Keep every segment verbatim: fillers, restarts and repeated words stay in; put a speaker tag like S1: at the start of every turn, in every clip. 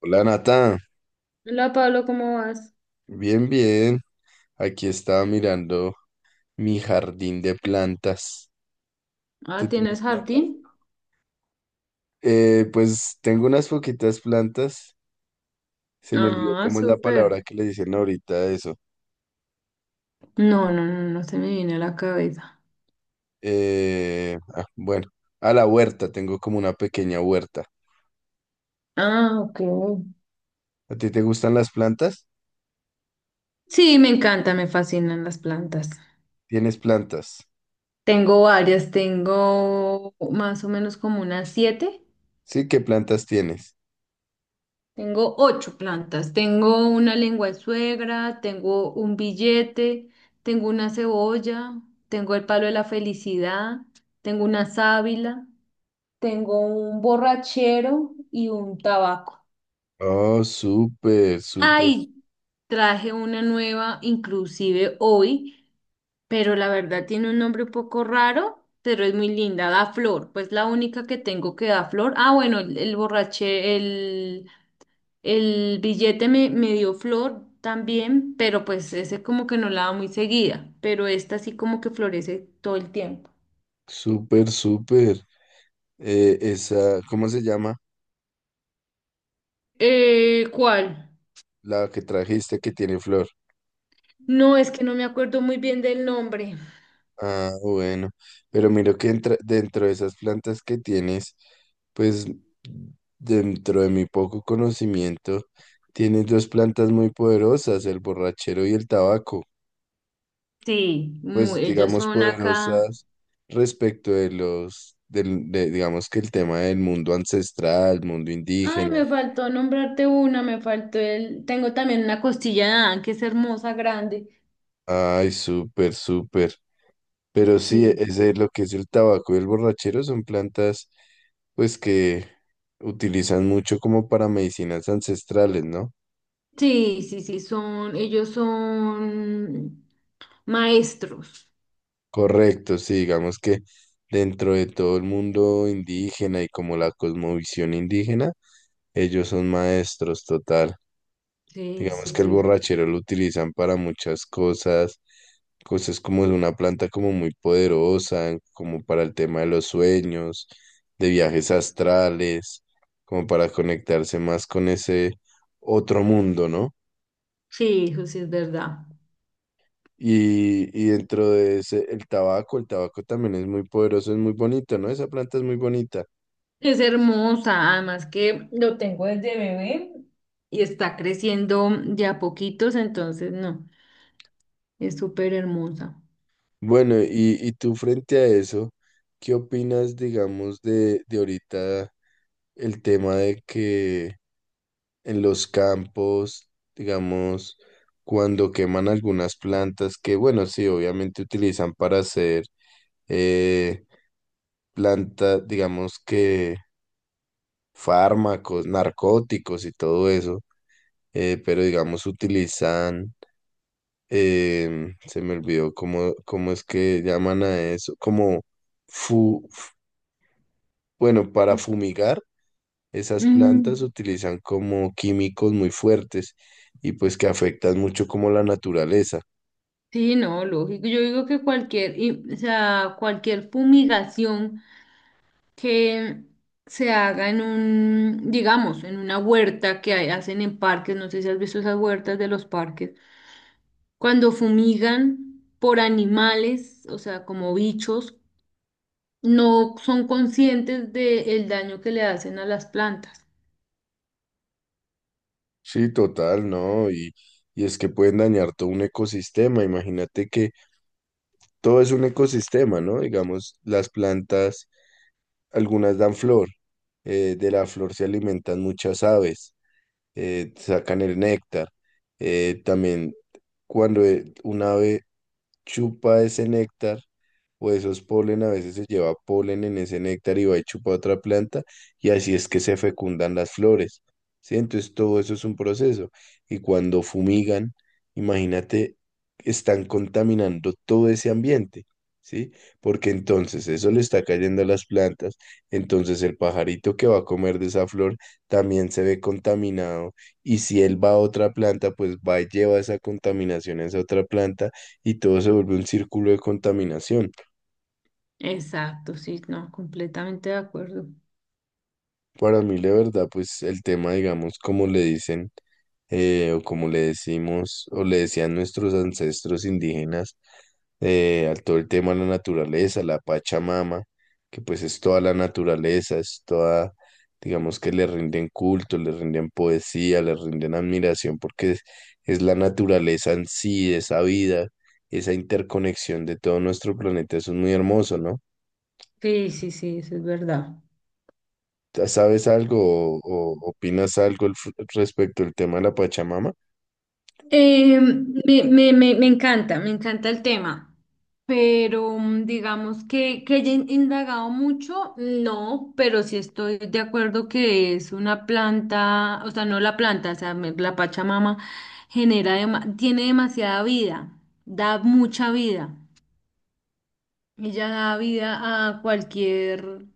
S1: Hola Nata,
S2: Hola Pablo, ¿cómo vas?
S1: bien, bien. Aquí estaba mirando mi jardín de plantas.
S2: Ah,
S1: ¿Tú tienes
S2: ¿tienes
S1: plantas?
S2: jardín?
S1: Eh, pues tengo unas poquitas plantas. Se me olvidó
S2: Ah,
S1: cómo es la
S2: súper.
S1: palabra que le dicen ahorita a eso.
S2: No, no, no, no se me viene a la cabeza.
S1: Eh, ah, bueno, a la huerta, tengo como una pequeña huerta.
S2: Ah, ok.
S1: ¿A ti te gustan las plantas?
S2: Sí, me encanta, me fascinan las plantas.
S1: ¿Tienes plantas?
S2: Tengo varias, tengo más o menos como unas siete.
S1: Sí, ¿qué plantas tienes?
S2: Tengo ocho plantas. Tengo una lengua de suegra, tengo un billete, tengo una cebolla, tengo el palo de la felicidad, tengo una sábila, tengo un borrachero y un tabaco.
S1: Oh, súper, súper,
S2: Ay, traje una nueva, inclusive hoy, pero la verdad tiene un nombre un poco raro, pero es muy linda, da flor, pues la única que tengo que da flor. Ah, bueno, el, el borraché, el, el billete me, me dio flor también, pero pues ese como que no la da muy seguida, pero esta sí como que florece todo el tiempo.
S1: súper, súper. Eh, esa, ¿cómo se llama?
S2: Eh, ¿cuál?
S1: La que trajiste que tiene flor.
S2: No, es que no me acuerdo muy bien del nombre.
S1: Ah, bueno, pero miro que entra- dentro de esas plantas que tienes, pues dentro de mi poco conocimiento, tienes dos plantas muy poderosas, el borrachero y el tabaco,
S2: Sí,
S1: pues
S2: muy, ellas
S1: digamos
S2: son acá.
S1: poderosas respecto de los, del, de- digamos que el tema del mundo ancestral, mundo
S2: Ay,
S1: indígena.
S2: me faltó nombrarte una, me faltó el. Tengo también una costilla de Adán, que es hermosa, grande.
S1: Ay, súper, súper. Pero sí,
S2: Sí.
S1: ese es lo que es, el tabaco y el borrachero son plantas pues que utilizan mucho como para medicinas ancestrales, ¿no?
S2: Sí, sí, sí, son, ellos son maestros.
S1: Correcto, sí, digamos que dentro de todo el mundo indígena y como la cosmovisión indígena, ellos son maestros total.
S2: Sí, sí,
S1: Digamos que el
S2: sí.
S1: borrachero lo utilizan para muchas cosas, cosas, como es una planta como muy poderosa, como para el tema de los sueños, de viajes astrales, como para conectarse más con ese otro mundo, ¿no?
S2: Sí, eso sí es verdad.
S1: Y, y dentro de ese, el tabaco, el tabaco también es muy poderoso, es muy bonito, ¿no? Esa planta es muy bonita.
S2: Es hermosa, además que lo tengo desde bebé y está creciendo ya poquitos, entonces no, es súper hermosa.
S1: Bueno, y, y tú frente a eso, ¿qué opinas, digamos, de, de, ahorita el tema de que en los campos, digamos, cuando queman algunas plantas que, bueno, sí, obviamente utilizan para hacer eh, plantas, digamos que fármacos, narcóticos y todo eso, eh, pero digamos utilizan, em, se me olvidó cómo, cómo es que llaman a eso, como, fu- f- bueno, para fumigar. Esas plantas
S2: Mm,
S1: utilizan como químicos muy fuertes y pues que afectan mucho como la naturaleza.
S2: sí, no, lógico. Yo digo que cualquier, y- o sea, cualquier fumigación. Que se haga en un, digamos, en una huerta que hay- hacen en parques, no sé si has visto esas huertas de los parques, cuando fumigan por animales, o sea, como bichos, no son conscientes del daño que le hacen a las plantas.
S1: Sí, total, ¿no? Y, y es que pueden dañar todo un ecosistema. Imagínate que todo es un ecosistema, ¿no? Digamos, las plantas, algunas dan flor, eh, de la flor se alimentan muchas aves, eh, sacan el néctar. Eh, también cuando eh, un ave chupa ese néctar o esos polen, a veces se lleva polen en ese néctar y va y chupa otra planta y así es que se fecundan las flores. ¿Sí? Entonces todo eso es un proceso. Y cuando fumigan, imagínate, están contaminando todo ese ambiente. ¿Sí? Porque entonces eso le está cayendo a las plantas, entonces el pajarito que va a comer de esa flor también se ve contaminado y si él va a otra planta, pues va y lleva esa contaminación a esa otra planta y todo se vuelve un círculo de contaminación.
S2: Exacto, sí, no, completamente de acuerdo.
S1: Para mí, la verdad, pues el tema, digamos, como le dicen, eh, o como le decimos o le decían nuestros ancestros indígenas, eh, al todo el tema de la naturaleza, la Pachamama, que pues es toda la naturaleza, es toda, digamos que le rinden culto, le rinden poesía, le rinden admiración, porque es, es la naturaleza en sí, esa vida, esa interconexión de todo nuestro planeta, eso es muy hermoso, ¿no?
S2: Sí, sí, sí, eso es verdad.
S1: ¿Sabes algo o, o opinas algo al fr- respecto al tema de la Pachamama?
S2: Eh, me, me- me- me encanta, me encanta el tema, pero mm, digamos que, que haya in- indagado mucho, no, pero sí estoy de acuerdo que es una planta, o sea, no la planta, o sea, me- la Pachamama genera, dema- tiene demasiada vida, da mucha vida. Ella da vida a cualquier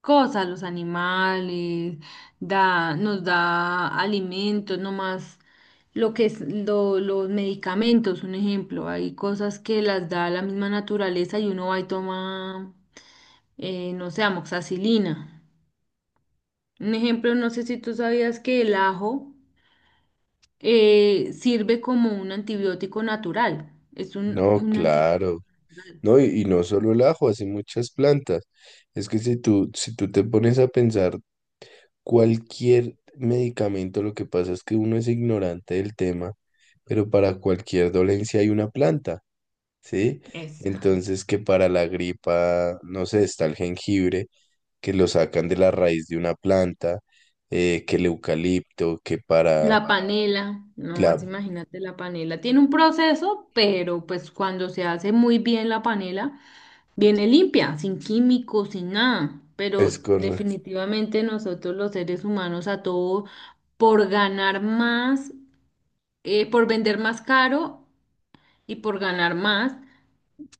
S2: cosa, los animales, da, nos da alimentos, no más lo que es lo- los medicamentos, un ejemplo. Hay cosas que las da la misma naturaleza y uno va y toma, eh, no sé, amoxicilina. Un ejemplo, no sé si tú sabías que el ajo eh, sirve como un antibiótico natural. Es un,
S1: No,
S2: un
S1: claro.
S2: antibiótico natural.
S1: No, y, y no solo el ajo, así muchas plantas. Es que si tú, si tú te pones a pensar cualquier medicamento, lo que pasa es que uno es ignorante del tema, pero para cualquier dolencia hay una planta, ¿sí?
S2: Eso.
S1: Entonces que para la gripa, no sé, está el jengibre, que lo sacan de la raíz de una planta, eh, que el eucalipto, que para...
S2: La panela, no
S1: la
S2: más imagínate la panela. Tiene un proceso, pero pues cuando se hace muy bien la panela, viene limpia, sin químicos, sin nada.
S1: Es
S2: Pero
S1: correcto.
S2: definitivamente nosotros los seres humanos a todo por ganar más, eh, por vender más caro y por ganar más,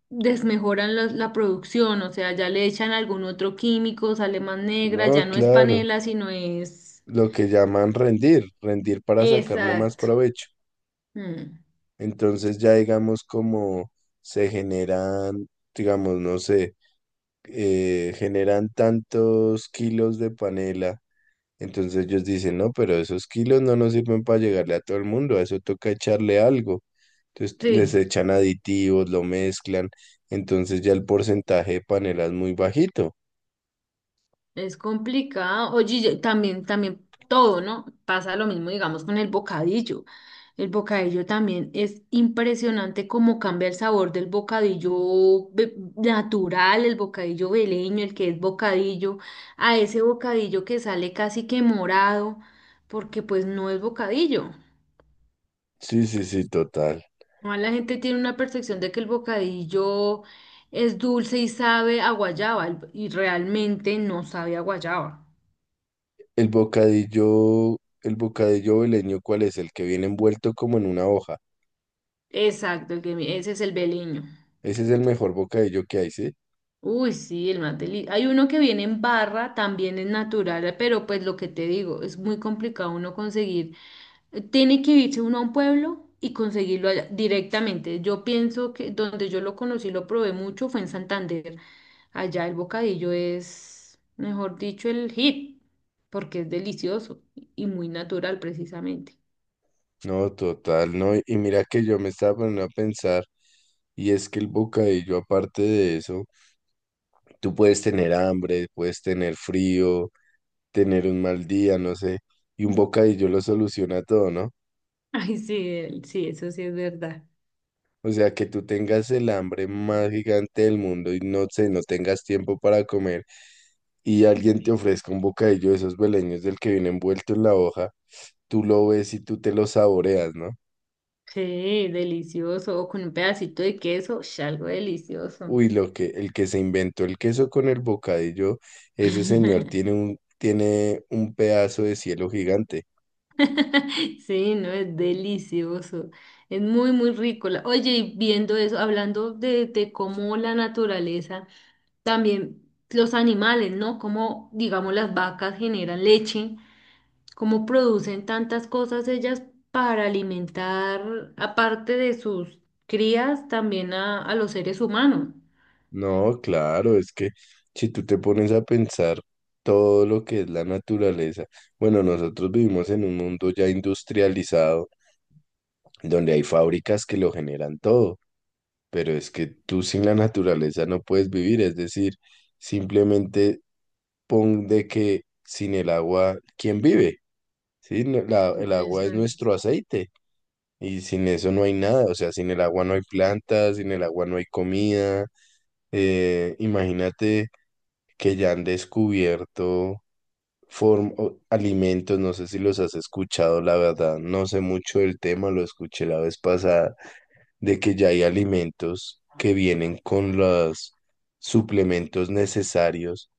S2: desmejoran los- la producción. O sea, ya le echan algún otro químico, sale más negra,
S1: No,
S2: ya no es
S1: claro.
S2: panela, sino es.
S1: Lo que llaman rendir, rendir para sacarle más
S2: Exacto.
S1: provecho.
S2: Mm,
S1: Entonces ya digamos como se generan, digamos, no sé, eh, generan tantos kilos de panela. Entonces ellos dicen, no, pero esos kilos no nos sirven para llegarle a todo el mundo, a eso toca echarle algo. Entonces les
S2: sí.
S1: echan aditivos, lo mezclan. Entonces ya el porcentaje de panela es muy bajito.
S2: Es complicado. Oye, y también, también todo, ¿no? Pasa lo mismo, digamos, con el bocadillo. El bocadillo también es impresionante cómo cambia el sabor del bocadillo ve- natural, el bocadillo veleño, el que es bocadillo, a ese bocadillo que sale casi que morado, porque pues no es bocadillo.
S1: Sí, sí, sí, total.
S2: Además, la gente tiene una percepción de que el bocadillo es dulce y sabe a guayaba, el- y realmente no sabe a guayaba.
S1: El bocadillo, el bocadillo veleño, ¿cuál es? El que viene envuelto como en una hoja.
S2: Exacto, el que mi- ese es el beleño.
S1: Ese es el mejor bocadillo que hay, ¿sí?
S2: Uy, sí, el más deli- hay uno que viene en barra, también es natural, pero pues lo que te digo, es muy complicado uno conseguir. eh, Tiene que irse uno a un pueblo y conseguirlo allá directamente. Yo pienso que donde yo lo conocí, lo probé mucho, fue en Santander. Allá el bocadillo es, mejor dicho, el hit, porque es delicioso y muy natural precisamente.
S1: No, total, no. Y mira que yo me estaba poniendo a pensar, y es que el bocadillo, aparte de eso, tú puedes tener hambre, puedes tener frío, tener un mal día, no sé, y un bocadillo lo soluciona todo, ¿no?
S2: Ay, sí, el- sí, eso sí es verdad.
S1: O sea, que tú tengas el hambre más gigante del mundo y no sé, no tengas tiempo para comer y alguien te ofrezca un bocadillo de esos beleños del que viene envuelto en la hoja, tú lo ves y tú te lo saboreas, ¿no?
S2: Sí, delicioso. O con un pedacito de queso, ush, algo delicioso.
S1: Uy, lo que, el que se inventó el queso con el bocadillo, ese señor tiene un, tiene un pedazo de cielo gigante.
S2: Sí, no, es delicioso. Es muy, muy rico. La- Oye, y viendo eso, hablando de, de cómo la naturaleza, también los animales, ¿no? Cómo, digamos, las vacas generan leche, cómo producen tantas cosas ellas para alimentar, aparte de sus crías, también a, a los seres humanos.
S1: No, claro, es que si tú te pones a pensar todo lo que es la naturaleza, bueno, nosotros vivimos en un mundo ya industrializado donde hay fábricas que lo generan todo, pero es que tú sin la naturaleza no puedes vivir, es decir, simplemente pon de que sin el agua, ¿quién vive? Sí, No- la- el agua es
S2: Exacto.
S1: nuestro aceite y sin eso no hay nada, o sea, sin el agua no hay plantas, sin el agua no hay comida, eh, imagínate que ya han descubierto form- o- alimentos, no sé si los has escuchado, la verdad, no sé mucho del tema, lo escuché la vez pasada de que ya hay alimentos que vienen con los suplementos necesarios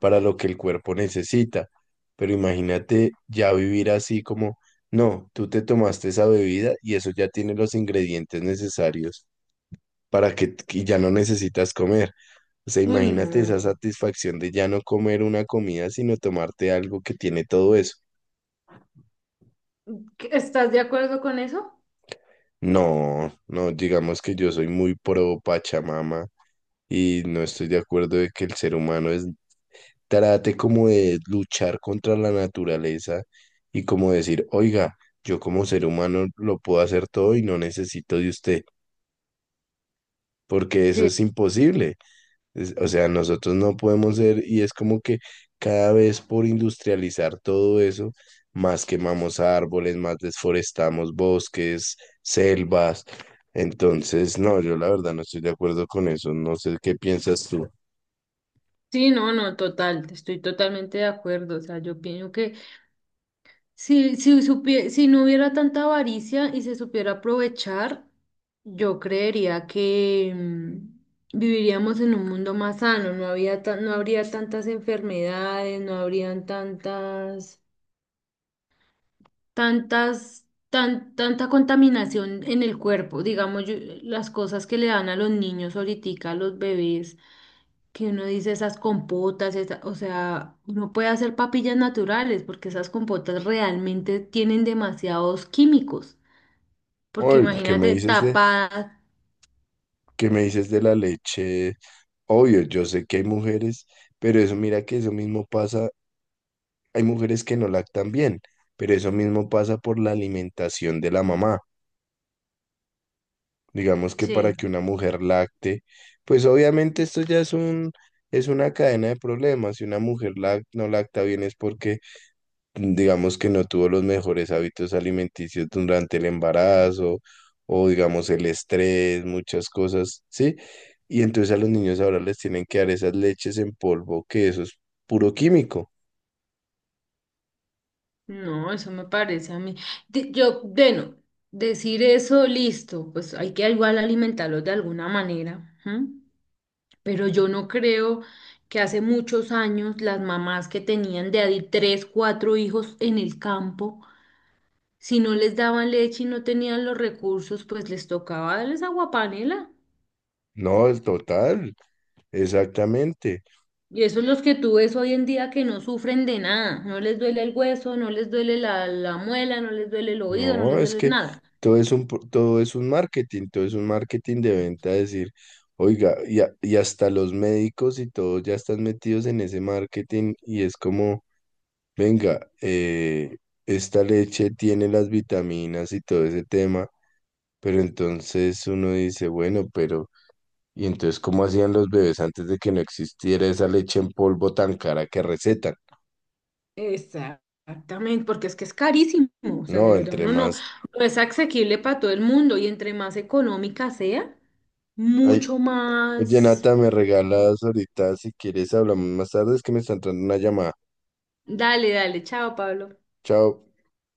S1: para lo que el cuerpo necesita. Pero imagínate ya vivir así como, no, tú te tomaste esa bebida y eso ya tiene los ingredientes necesarios para que y ya no necesitas comer. O sea,
S2: Uy,
S1: imagínate
S2: no.
S1: esa satisfacción de ya no comer una comida, sino tomarte algo que tiene todo eso.
S2: ¿Estás de acuerdo con eso?
S1: No, no, digamos que yo soy muy pro Pachamama y no estoy de acuerdo de que el ser humano es trate como de luchar contra la naturaleza y como decir, oiga, yo como ser humano lo puedo hacer todo y no necesito de usted, porque eso
S2: Sí,
S1: es imposible. Es- o sea, nosotros no podemos ser y es como que cada vez por industrializar todo eso, más quemamos árboles, más desforestamos bosques, selvas. Entonces, no, yo la verdad no estoy de acuerdo con eso. No sé qué piensas tú.
S2: sí, no, no, total, estoy totalmente de acuerdo. O sea, yo pienso que si, si, supie- si no hubiera tanta avaricia y se supiera aprovechar, yo creería que mm, viviríamos en un mundo más sano, no había ta- no habría tantas enfermedades, no habrían tantas, tantas, tan, tanta contaminación en el cuerpo. Digamos, yo- las cosas que le dan a los niños ahorita, a los bebés que uno dice esas compotas, esa- o sea, uno puede hacer papillas naturales porque esas compotas realmente tienen demasiados químicos, porque
S1: Oye, ¿qué me
S2: imagínate
S1: dices de,
S2: tapadas.
S1: qué me dices de la leche? Obvio, yo sé que hay mujeres, pero eso mira que eso mismo pasa, hay mujeres que no lactan bien, pero eso mismo pasa por la alimentación de la mamá. Digamos que para
S2: Sí,
S1: que una mujer lacte, pues obviamente esto ya es un, es una cadena de problemas. Si una mujer lac- no lacta bien es porque digamos que no tuvo los mejores hábitos alimenticios durante el embarazo o digamos el estrés, muchas cosas, ¿sí? Y entonces a los niños ahora les tienen que dar esas leches en polvo, que eso es puro químico.
S2: no, eso me parece a mí. De- yo, bueno, decir eso, listo, pues hay que igual alimentarlos de alguna manera, ¿m? Pero yo no creo que hace muchos años las mamás que tenían de a di- tres, cuatro hijos en el campo, si no les daban leche y no tenían los recursos, pues les tocaba darles aguapanela.
S1: No, el total, exactamente.
S2: Y esos los que tú ves hoy en día que no sufren de nada. No les duele el hueso, no les duele la, la muela, no les duele el oído, no
S1: No,
S2: les
S1: es
S2: duele
S1: que
S2: nada.
S1: todo es un, pro- todo es un marketing, todo es un marketing de venta, decir, oiga, y, a- y hasta los médicos y todos ya están metidos en ese marketing y es como... Venga, eh, esta leche tiene las vitaminas y todo ese tema, pero entonces uno dice, bueno, pero ¿y entonces cómo hacían los bebés antes de que no existiera esa leche en polvo tan cara que recetan?
S2: Exactamente, porque es que es carísimo. O sea,
S1: No,
S2: de verdad,
S1: entre
S2: uno no,
S1: más...
S2: no es asequible para todo el mundo. Y entre más económica sea,
S1: Ay,
S2: mucho
S1: oye,
S2: más.
S1: Nata, me regalas ahorita, si quieres hablamos más tarde, es que me está entrando una llamada.
S2: Dale, dale, chao, Pablo.
S1: Chao.